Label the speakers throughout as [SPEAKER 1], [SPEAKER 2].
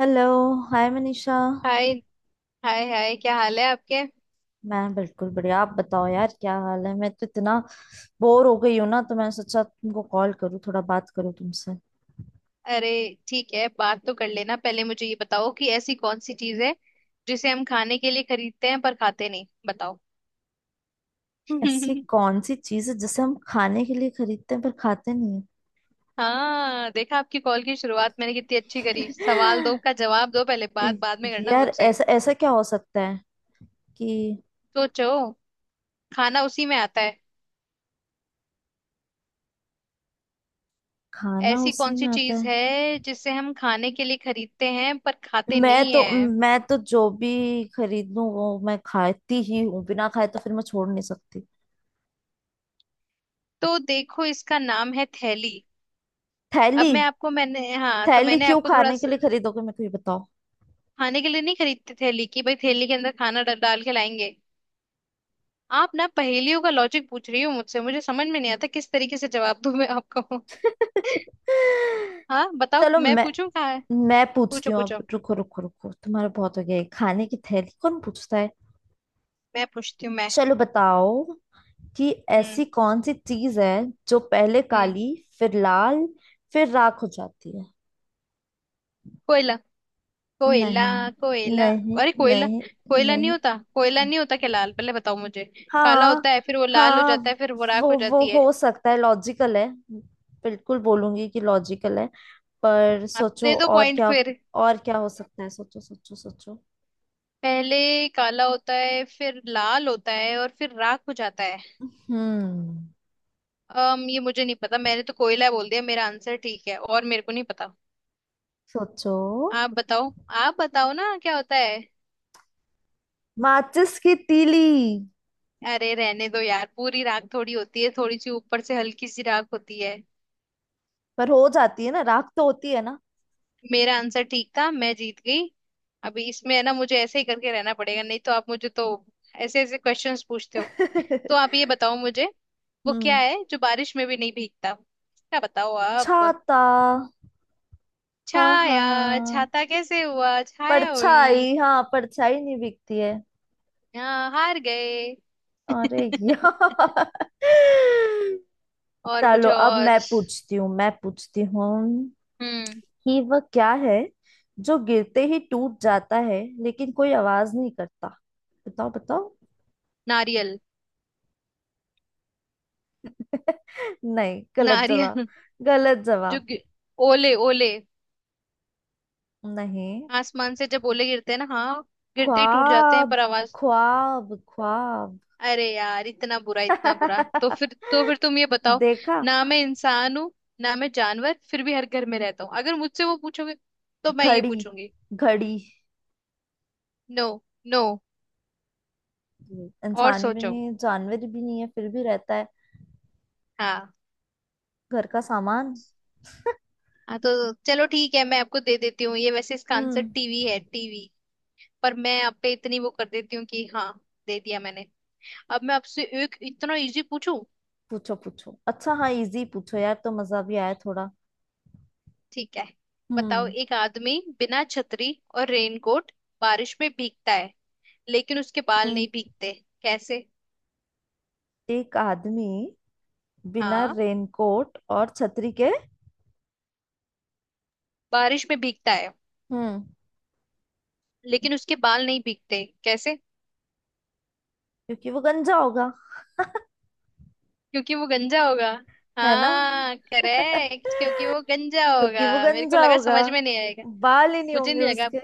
[SPEAKER 1] Hello. Hi Manisha.
[SPEAKER 2] Hi hi hi क्या हाल है आपके।
[SPEAKER 1] मैं बिल्कुल बढ़िया। आप बताओ यार क्या हाल है। मैं तो इतना बोर हो गई हूँ ना तो मैंने सोचा तुमको कॉल करूँ, थोड़ा बात करूँ तुमसे।
[SPEAKER 2] अरे ठीक है, बात तो कर लेना, पहले मुझे ये बताओ कि ऐसी कौन सी चीज है जिसे हम खाने के लिए खरीदते हैं पर खाते नहीं, बताओ।
[SPEAKER 1] ऐसी कौन सी चीज़ है जिसे हम खाने के लिए खरीदते हैं पर खाते नहीं
[SPEAKER 2] हाँ देखा, आपकी कॉल की शुरुआत मैंने कितनी
[SPEAKER 1] हैं?
[SPEAKER 2] अच्छी करी। सवाल दो का जवाब दो, पहले बात
[SPEAKER 1] ए-
[SPEAKER 2] बाद में करना
[SPEAKER 1] यार
[SPEAKER 2] मुझसे।
[SPEAKER 1] ऐसा ऐसा क्या हो सकता है कि
[SPEAKER 2] सोचो, खाना उसी में आता है।
[SPEAKER 1] खाना
[SPEAKER 2] ऐसी
[SPEAKER 1] उसी
[SPEAKER 2] कौन सी
[SPEAKER 1] में आता
[SPEAKER 2] चीज
[SPEAKER 1] है।
[SPEAKER 2] है जिसे हम खाने के लिए खरीदते हैं पर खाते
[SPEAKER 1] मैं
[SPEAKER 2] नहीं
[SPEAKER 1] तो
[SPEAKER 2] है।
[SPEAKER 1] मैं तो जो भी खरीद लूं वो मैं खाती ही हूँ, बिना खाए तो फिर मैं छोड़ नहीं सकती।
[SPEAKER 2] तो देखो, इसका नाम है थैली। अब
[SPEAKER 1] थैली।
[SPEAKER 2] मैं आपको, मैंने, हाँ तो
[SPEAKER 1] थैली
[SPEAKER 2] मैंने
[SPEAKER 1] क्यों
[SPEAKER 2] आपको थोड़ा,
[SPEAKER 1] खाने के लिए खरीदोगे, मेरे को ये बताओ।
[SPEAKER 2] खाने के लिए नहीं खरीदते थैली की भाई, थैली के अंदर खाना डाल के लाएंगे। आप ना पहेलियों का लॉजिक पूछ रही हो मुझसे, मुझे समझ में नहीं आता किस तरीके से जवाब दूं मैं आपको। हाँ बताओ,
[SPEAKER 1] चलो
[SPEAKER 2] मैं
[SPEAKER 1] मैं
[SPEAKER 2] पूछूं कहाँ है।
[SPEAKER 1] मैं पूछती
[SPEAKER 2] पूछो
[SPEAKER 1] हूँ अब।
[SPEAKER 2] पूछो।
[SPEAKER 1] रुको रुको रुको, तुम्हारा बहुत हो गया, ये खाने की थैली कौन पूछता है।
[SPEAKER 2] मैं पूछती हूँ मैं।
[SPEAKER 1] चलो बताओ कि
[SPEAKER 2] हम्म।
[SPEAKER 1] ऐसी कौन सी चीज है जो पहले
[SPEAKER 2] हम्म।
[SPEAKER 1] काली, फिर लाल, फिर राख हो जाती है।
[SPEAKER 2] कोयला। कोयला।
[SPEAKER 1] नहीं।
[SPEAKER 2] कोयला।
[SPEAKER 1] नहीं।
[SPEAKER 2] अरे कोयला।
[SPEAKER 1] नहीं।
[SPEAKER 2] कोयला नहीं
[SPEAKER 1] नहीं।
[SPEAKER 2] होता, कोयला नहीं होता? क्या लाल पहले बताओ मुझे। काला
[SPEAKER 1] हाँ।
[SPEAKER 2] होता है फिर वो लाल हो
[SPEAKER 1] हाँ।
[SPEAKER 2] जाता है फिर वो राख हो
[SPEAKER 1] वो
[SPEAKER 2] जाती है।
[SPEAKER 1] हो सकता है, लॉजिकल है। बिल्कुल बोलूंगी कि लॉजिकल है। पर
[SPEAKER 2] हाँ,
[SPEAKER 1] सोचो
[SPEAKER 2] दे दो
[SPEAKER 1] और
[SPEAKER 2] पॉइंट
[SPEAKER 1] क्या।
[SPEAKER 2] फिर।
[SPEAKER 1] और क्या हो सकता है, सोचो सोचो सोचो।
[SPEAKER 2] पहले काला होता है फिर लाल होता है और फिर राख हो जाता है।
[SPEAKER 1] हम्म।
[SPEAKER 2] अम ये मुझे नहीं पता, मैंने तो कोयला बोल दिया, मेरा आंसर ठीक है और मेरे को नहीं पता।
[SPEAKER 1] सोचो।
[SPEAKER 2] आप बताओ। आप बताओ ना क्या होता है।
[SPEAKER 1] माचिस की तीली।
[SPEAKER 2] अरे रहने दो यार, पूरी राख थोड़ी होती है, थोड़ी सी ऊपर से हल्की सी राख होती है।
[SPEAKER 1] पर हो जाती है ना राख, तो होती है ना।
[SPEAKER 2] मेरा आंसर ठीक था, मैं जीत गई। अभी इसमें है ना, मुझे ऐसे ही करके रहना पड़ेगा, नहीं तो आप मुझे तो ऐसे ऐसे क्वेश्चंस पूछते हो। तो आप ये बताओ मुझे, वो क्या
[SPEAKER 1] हम्म।
[SPEAKER 2] है जो बारिश में भी नहीं भीगता, क्या बताओ आप।
[SPEAKER 1] छाता। हाँ
[SPEAKER 2] छाया।
[SPEAKER 1] हाँ,
[SPEAKER 2] छाता कैसे हुआ, छाया हुई।
[SPEAKER 1] परछाई। हाँ परछाई नहीं बिकती है।
[SPEAKER 2] हाँ हार गए।
[SPEAKER 1] अरे यार।
[SPEAKER 2] और
[SPEAKER 1] चलो
[SPEAKER 2] मुझे
[SPEAKER 1] अब
[SPEAKER 2] और।
[SPEAKER 1] मैं पूछती हूँ, मैं पूछती हूँ
[SPEAKER 2] हम्म।
[SPEAKER 1] कि वह क्या है जो गिरते ही टूट जाता है लेकिन कोई आवाज नहीं करता। बताओ बताओ।
[SPEAKER 2] नारियल।
[SPEAKER 1] नहीं, गलत जवाब।
[SPEAKER 2] नारियल।
[SPEAKER 1] गलत
[SPEAKER 2] जो
[SPEAKER 1] जवाब।
[SPEAKER 2] गि- ओले। ओले,
[SPEAKER 1] नहीं,
[SPEAKER 2] आसमान से जब ओले गिरते हैं ना, हाँ, गिरते ही टूट जाते हैं
[SPEAKER 1] ख्वाब।
[SPEAKER 2] पर आवाज।
[SPEAKER 1] ख्वाब ख्वाब।
[SPEAKER 2] अरे यार इतना बुरा, इतना बुरा, तो फिर तो फिर तुम ये बताओ,
[SPEAKER 1] देखा।
[SPEAKER 2] ना मैं इंसान हूँ ना मैं जानवर, फिर भी हर घर में रहता हूँ, अगर मुझसे वो पूछोगे तो मैं ये
[SPEAKER 1] घड़ी।
[SPEAKER 2] पूछूंगी।
[SPEAKER 1] घड़ी।
[SPEAKER 2] नो। नो। और
[SPEAKER 1] इंसान भी
[SPEAKER 2] सोचो।
[SPEAKER 1] नहीं है जानवर भी नहीं है फिर भी रहता है।
[SPEAKER 2] हाँ।
[SPEAKER 1] घर का सामान।
[SPEAKER 2] हाँ तो चलो ठीक है, मैं आपको दे देती हूँ, ये वैसे इसका आंसर
[SPEAKER 1] हम्म।
[SPEAKER 2] टीवी है, टीवी। पर मैं आप पे इतनी वो कर देती हूँ कि हाँ, दे दिया मैंने। अब मैं आपसे एक इतना इजी पूछूं।
[SPEAKER 1] पूछो पूछो। अच्छा हाँ, इजी पूछो यार, तो मजा भी आया थोड़ा।
[SPEAKER 2] ठीक है, बताओ,
[SPEAKER 1] हम्म।
[SPEAKER 2] एक आदमी बिना छतरी और रेनकोट बारिश में भीगता है, लेकिन उसके बाल
[SPEAKER 1] हम्म।
[SPEAKER 2] नहीं भीगते, कैसे।
[SPEAKER 1] एक आदमी बिना
[SPEAKER 2] हाँ,
[SPEAKER 1] रेनकोट और छतरी के।
[SPEAKER 2] बारिश में भीगता है
[SPEAKER 1] हम्म।
[SPEAKER 2] लेकिन उसके बाल नहीं भीगते, कैसे।
[SPEAKER 1] क्योंकि वो गंजा होगा।
[SPEAKER 2] क्योंकि वो गंजा होगा।
[SPEAKER 1] है ना?
[SPEAKER 2] हाँ करेक्ट, क्योंकि वो गंजा होगा,
[SPEAKER 1] क्योंकि वो
[SPEAKER 2] मेरे को
[SPEAKER 1] गंजा
[SPEAKER 2] लगा
[SPEAKER 1] होगा,
[SPEAKER 2] समझ में नहीं आएगा।
[SPEAKER 1] बाल ही नहीं
[SPEAKER 2] मुझे
[SPEAKER 1] होंगे
[SPEAKER 2] नहीं लगा
[SPEAKER 1] उसके।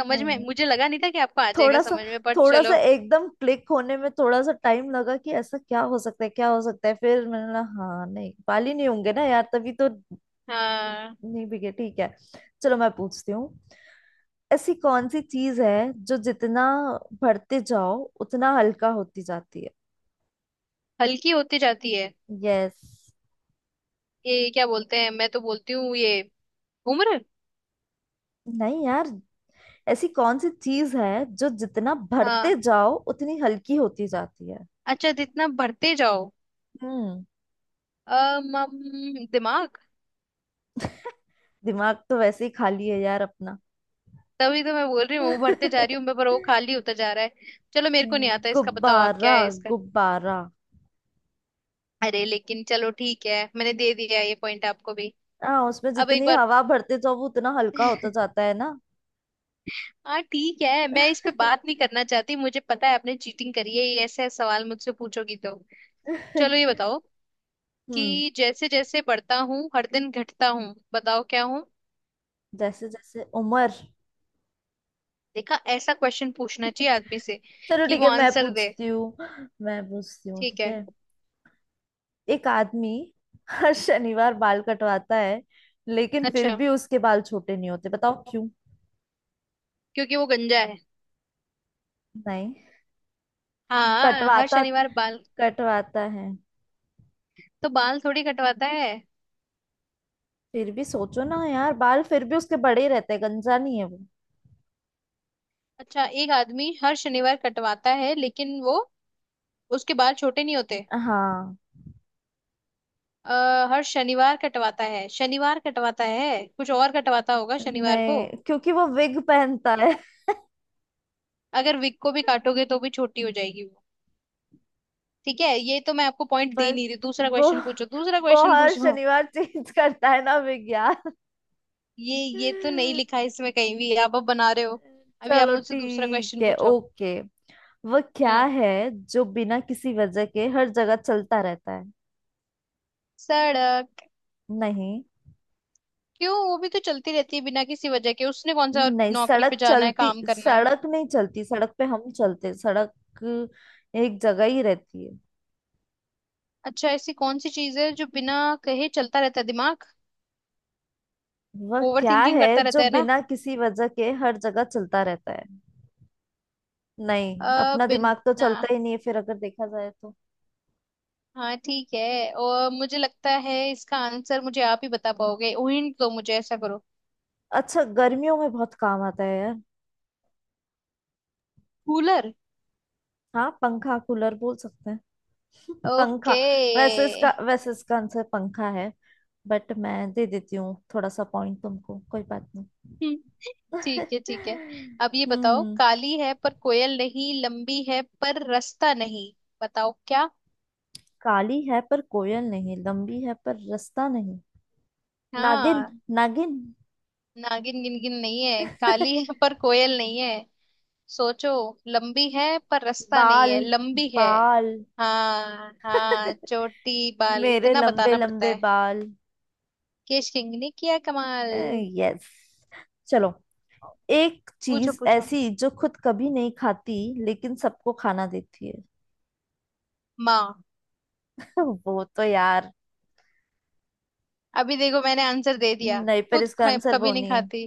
[SPEAKER 2] समझ
[SPEAKER 1] नहीं
[SPEAKER 2] में,
[SPEAKER 1] नहीं,
[SPEAKER 2] मुझे लगा नहीं था कि आपको आ जाएगा
[SPEAKER 1] थोड़ा सा,
[SPEAKER 2] समझ में, बट
[SPEAKER 1] थोड़ा
[SPEAKER 2] चलो।
[SPEAKER 1] सा एकदम क्लिक होने में थोड़ा सा टाइम लगा कि ऐसा क्या हो सकता है, क्या हो सकता है, फिर मैंने बोला हाँ, नहीं बाल ही नहीं होंगे ना यार, तभी तो
[SPEAKER 2] हाँ,
[SPEAKER 1] नहीं बिके। ठीक है। चलो मैं पूछती हूँ, ऐसी कौन सी चीज है जो जितना भरते जाओ उतना हल्का होती जाती है।
[SPEAKER 2] हल्की होती जाती है,
[SPEAKER 1] यस।
[SPEAKER 2] ये क्या बोलते हैं, मैं तो बोलती हूँ ये, उम्र।
[SPEAKER 1] नहीं यार, ऐसी कौन सी चीज है जो जितना भरते
[SPEAKER 2] हाँ,
[SPEAKER 1] जाओ उतनी हल्की होती जाती है।
[SPEAKER 2] अच्छा जितना भरते जाओ,
[SPEAKER 1] हम्म।
[SPEAKER 2] दिमाग।
[SPEAKER 1] दिमाग तो वैसे ही खाली है यार अपना।
[SPEAKER 2] तभी तो मैं बोल रही हूँ, वो भरते जा
[SPEAKER 1] नहीं।
[SPEAKER 2] रही हूँ मैं पर वो खाली होता जा रहा है। चलो मेरे को नहीं आता इसका, बताओ आप क्या
[SPEAKER 1] गुब्बारा।
[SPEAKER 2] है इसका।
[SPEAKER 1] गुब्बारा।
[SPEAKER 2] अरे लेकिन चलो ठीक है, मैंने दे दिया ये पॉइंट आपको भी।
[SPEAKER 1] हाँ, उसमें
[SPEAKER 2] अब एक
[SPEAKER 1] जितनी
[SPEAKER 2] बार।
[SPEAKER 1] हवा भरते जाओ वो उतना हल्का होता जाता है ना।
[SPEAKER 2] हाँ ठीक है, मैं इस पे बात नहीं करना चाहती, मुझे पता है आपने चीटिंग करी है, ये ऐसे सवाल मुझसे पूछोगी तो। चलो ये बताओ,
[SPEAKER 1] हम्म।
[SPEAKER 2] कि जैसे जैसे बढ़ता हूँ हर दिन घटता हूँ, बताओ क्या हूँ।
[SPEAKER 1] जैसे जैसे उम्र।
[SPEAKER 2] देखा, ऐसा क्वेश्चन पूछना चाहिए आदमी से
[SPEAKER 1] चलो
[SPEAKER 2] कि
[SPEAKER 1] ठीक
[SPEAKER 2] वो
[SPEAKER 1] है, मैं
[SPEAKER 2] आंसर दे।
[SPEAKER 1] पूछती हूँ। मैं पूछती हूँ
[SPEAKER 2] ठीक
[SPEAKER 1] ठीक
[SPEAKER 2] है।
[SPEAKER 1] है। एक आदमी हर शनिवार बाल कटवाता है, लेकिन फिर
[SPEAKER 2] अच्छा,
[SPEAKER 1] भी उसके बाल छोटे नहीं होते। बताओ क्यों।
[SPEAKER 2] क्योंकि वो गंजा है।
[SPEAKER 1] नहीं।
[SPEAKER 2] हाँ, हर
[SPEAKER 1] कटवाता
[SPEAKER 2] शनिवार बाल,
[SPEAKER 1] कटवाता है।
[SPEAKER 2] तो बाल थोड़ी कटवाता है।
[SPEAKER 1] फिर भी सोचो ना यार, बाल फिर भी उसके बड़े ही रहते हैं, गंजा नहीं है वो।
[SPEAKER 2] अच्छा, एक आदमी हर शनिवार कटवाता है लेकिन वो, उसके बाल छोटे नहीं होते।
[SPEAKER 1] हाँ।
[SPEAKER 2] हर शनिवार कटवाता है, शनिवार कटवाता है, कुछ और कटवाता होगा शनिवार को।
[SPEAKER 1] नहीं, क्योंकि वो विग पहनता है।
[SPEAKER 2] अगर विक को भी काटोगे तो भी छोटी हो जाएगी वो। ठीक है, ये तो मैं आपको पॉइंट दे
[SPEAKER 1] पर
[SPEAKER 2] नहीं रही, दूसरा
[SPEAKER 1] वो
[SPEAKER 2] क्वेश्चन पूछो, दूसरा
[SPEAKER 1] वो
[SPEAKER 2] क्वेश्चन
[SPEAKER 1] हर
[SPEAKER 2] पूछो।
[SPEAKER 1] शनिवार चेंज करता है ना विग यार।
[SPEAKER 2] ये तो नहीं लिखा है इसमें कहीं भी, आप अब बना रहे हो। अभी आप
[SPEAKER 1] चलो
[SPEAKER 2] मुझसे दूसरा
[SPEAKER 1] ठीक
[SPEAKER 2] क्वेश्चन
[SPEAKER 1] है।
[SPEAKER 2] पूछो।
[SPEAKER 1] ओके। वह क्या
[SPEAKER 2] हम्म।
[SPEAKER 1] है जो बिना किसी वजह के हर जगह चलता रहता है।
[SPEAKER 2] सड़क।
[SPEAKER 1] नहीं।
[SPEAKER 2] क्यों, वो भी तो चलती रहती है बिना किसी वजह के, उसने कौन सा
[SPEAKER 1] नहीं
[SPEAKER 2] नौकरी पे
[SPEAKER 1] सड़क
[SPEAKER 2] जाना है,
[SPEAKER 1] चलती,
[SPEAKER 2] काम करना है।
[SPEAKER 1] सड़क नहीं चलती, सड़क पे हम चलते हैं, सड़क एक जगह ही रहती है।
[SPEAKER 2] अच्छा, ऐसी कौन सी चीज है जो बिना कहे चलता रहता है, दिमाग,
[SPEAKER 1] वह
[SPEAKER 2] ओवर
[SPEAKER 1] क्या
[SPEAKER 2] थिंकिंग
[SPEAKER 1] है
[SPEAKER 2] करता
[SPEAKER 1] जो
[SPEAKER 2] रहता है ना।
[SPEAKER 1] बिना किसी वजह के हर जगह चलता रहता है। नहीं, अपना दिमाग तो
[SPEAKER 2] बिना।
[SPEAKER 1] चलता ही नहीं है फिर अगर देखा जाए तो।
[SPEAKER 2] हाँ ठीक है, और मुझे लगता है इसका आंसर मुझे आप ही बता पाओगे, हिंट दो मुझे, ऐसा करो।
[SPEAKER 1] अच्छा, गर्मियों में बहुत काम आता है यार।
[SPEAKER 2] कूलर।
[SPEAKER 1] हाँ, पंखा। कूलर बोल सकते हैं। पंखा।
[SPEAKER 2] ओके।
[SPEAKER 1] वैसे इसका आंसर पंखा है। बट मैं दे देती हूँ थोड़ा सा पॉइंट तुमको, कोई बात नहीं।
[SPEAKER 2] ठीक है, ठीक है। अब ये बताओ,
[SPEAKER 1] हम्म।
[SPEAKER 2] काली है पर कोयल नहीं, लंबी है पर रास्ता नहीं, बताओ क्या।
[SPEAKER 1] काली है पर कोयल नहीं, लंबी है पर रास्ता नहीं। नागिन।
[SPEAKER 2] हाँ,
[SPEAKER 1] नागिन।
[SPEAKER 2] नागिन गिनगिन नहीं है, काली है पर कोयल नहीं है। सोचो, लंबी है पर रास्ता नहीं
[SPEAKER 1] बाल।
[SPEAKER 2] है, लंबी है।
[SPEAKER 1] बाल।
[SPEAKER 2] हाँ हाँ, चोटी, बाल,
[SPEAKER 1] मेरे
[SPEAKER 2] इतना
[SPEAKER 1] लंबे
[SPEAKER 2] बताना पड़ता
[SPEAKER 1] लंबे
[SPEAKER 2] है।
[SPEAKER 1] बाल।
[SPEAKER 2] केश किंग ने किया कमाल।
[SPEAKER 1] यस। चलो। एक
[SPEAKER 2] पूछो
[SPEAKER 1] चीज
[SPEAKER 2] पूछो।
[SPEAKER 1] ऐसी जो खुद कभी नहीं खाती लेकिन सबको खाना देती है।
[SPEAKER 2] माँ।
[SPEAKER 1] वो तो यार।
[SPEAKER 2] अभी देखो मैंने आंसर दे दिया।
[SPEAKER 1] नहीं, पर इसका आंसर वो
[SPEAKER 2] कभी नहीं
[SPEAKER 1] नहीं है।
[SPEAKER 2] खाती।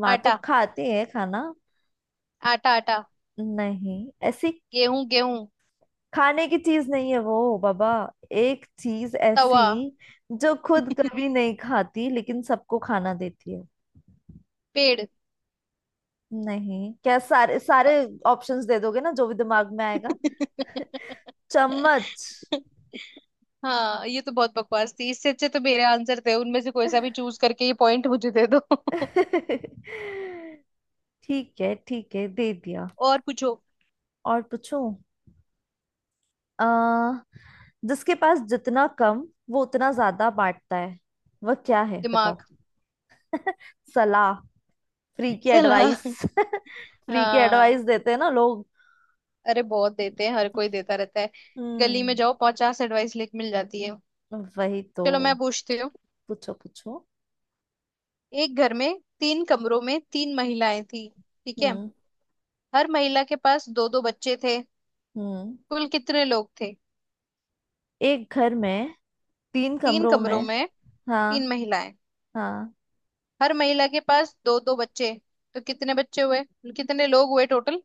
[SPEAKER 1] माँ तो
[SPEAKER 2] आटा।
[SPEAKER 1] खाती है खाना।
[SPEAKER 2] आटा, आटा।
[SPEAKER 1] नहीं, ऐसी
[SPEAKER 2] गेहूं, गेहूं।
[SPEAKER 1] खाने की चीज नहीं है वो बाबा। एक चीज ऐसी
[SPEAKER 2] तवा।
[SPEAKER 1] जो खुद कभी नहीं खाती लेकिन सबको खाना देती है।
[SPEAKER 2] पेड़।
[SPEAKER 1] नहीं, क्या सारे सारे ऑप्शंस दे दोगे ना जो भी दिमाग में आएगा। चम्मच।
[SPEAKER 2] हाँ, ये तो बहुत बकवास थी, इससे अच्छे तो मेरे आंसर थे, उनमें से कोई सा भी चूज करके ये पॉइंट मुझे दे दो।
[SPEAKER 1] ठीक है ठीक है, दे दिया।
[SPEAKER 2] और पूछो।
[SPEAKER 1] और पूछूं। आ जिसके पास जितना कम वो उतना ज्यादा बांटता है, वह क्या है,
[SPEAKER 2] दिमाग।
[SPEAKER 1] बताओ। सलाह। फ्री की
[SPEAKER 2] चला।
[SPEAKER 1] एडवाइस। फ्री की एडवाइस
[SPEAKER 2] हाँ।
[SPEAKER 1] देते हैं ना लोग।
[SPEAKER 2] अरे बहुत देते हैं, हर कोई देता रहता है। गली में
[SPEAKER 1] हम्म।
[SPEAKER 2] जाओ, 50 एडवाइस लिख मिल जाती है।
[SPEAKER 1] वही तो।
[SPEAKER 2] चलो मैं पूछती हूँ,
[SPEAKER 1] पूछो पूछो।
[SPEAKER 2] एक घर में 3 कमरों में 3 महिलाएं थी, ठीक है।
[SPEAKER 1] हम्म।
[SPEAKER 2] हर महिला के पास दो दो बच्चे थे।
[SPEAKER 1] हम्म।
[SPEAKER 2] कुल कितने लोग थे।
[SPEAKER 1] एक घर में तीन
[SPEAKER 2] तीन
[SPEAKER 1] कमरों
[SPEAKER 2] कमरों
[SPEAKER 1] में।
[SPEAKER 2] में,
[SPEAKER 1] हाँ।
[SPEAKER 2] तीन महिलाएं,
[SPEAKER 1] हाँ।
[SPEAKER 2] हर महिला के पास दो दो बच्चे, तो कितने बच्चे हुए, कितने लोग हुए टोटल।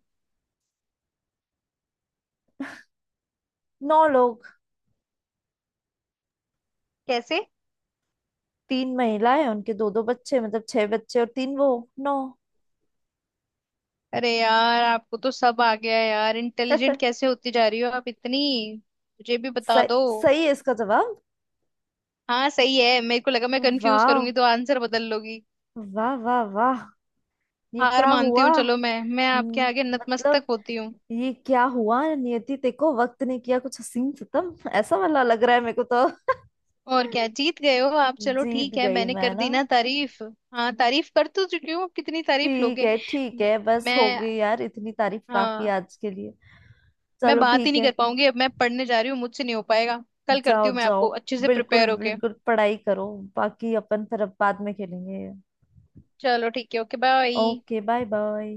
[SPEAKER 1] नौ लोग।
[SPEAKER 2] कैसे।
[SPEAKER 1] तीन महिलाएं, उनके दो दो बच्चे मतलब छह बच्चे, और तीन वो, नौ।
[SPEAKER 2] अरे यार, आपको तो सब आ गया यार, इंटेलिजेंट कैसे होती जा रही हो आप इतनी, मुझे भी बता
[SPEAKER 1] सही।
[SPEAKER 2] दो।
[SPEAKER 1] सही है इसका जवाब।
[SPEAKER 2] हाँ सही है, मेरे को लगा मैं कंफ्यूज
[SPEAKER 1] वाह।
[SPEAKER 2] करूंगी तो आंसर बदल लोगी।
[SPEAKER 1] वाह वाह वाह, ये
[SPEAKER 2] हार
[SPEAKER 1] क्या
[SPEAKER 2] मानती
[SPEAKER 1] हुआ।
[SPEAKER 2] हूँ, चलो मैं आपके आगे
[SPEAKER 1] मतलब
[SPEAKER 2] नतमस्तक होती हूँ।
[SPEAKER 1] ये क्या हुआ। नियति ते को वक्त ने किया कुछ हसीन सितम, ऐसा वाला लग रहा है मेरे को तो।
[SPEAKER 2] और क्या, जीत गए हो आप, चलो
[SPEAKER 1] जीत
[SPEAKER 2] ठीक है,
[SPEAKER 1] गई
[SPEAKER 2] मैंने
[SPEAKER 1] मैं
[SPEAKER 2] कर
[SPEAKER 1] ना।
[SPEAKER 2] दी ना तारीफ। हाँ, तारीफ कर तो चुकी हूँ, अब कितनी तारीफ
[SPEAKER 1] ठीक
[SPEAKER 2] लोगे।
[SPEAKER 1] है ठीक
[SPEAKER 2] मैं,
[SPEAKER 1] है, बस हो
[SPEAKER 2] मैं।
[SPEAKER 1] गई यार, इतनी तारीफ काफी है
[SPEAKER 2] हाँ।
[SPEAKER 1] आज के लिए।
[SPEAKER 2] मैं
[SPEAKER 1] चलो
[SPEAKER 2] बात ही
[SPEAKER 1] ठीक
[SPEAKER 2] नहीं कर
[SPEAKER 1] है।
[SPEAKER 2] पाऊंगी, अब मैं पढ़ने जा रही हूँ, मुझसे नहीं हो पाएगा। कल
[SPEAKER 1] जाओ
[SPEAKER 2] करती हूँ मैं
[SPEAKER 1] जाओ,
[SPEAKER 2] आपको अच्छे से
[SPEAKER 1] बिल्कुल
[SPEAKER 2] प्रिपेयर होके।
[SPEAKER 1] बिल्कुल पढ़ाई करो। बाकी अपन फिर अब बाद में खेलेंगे।
[SPEAKER 2] चलो ठीक है, okay bye.
[SPEAKER 1] Okay. Bye bye.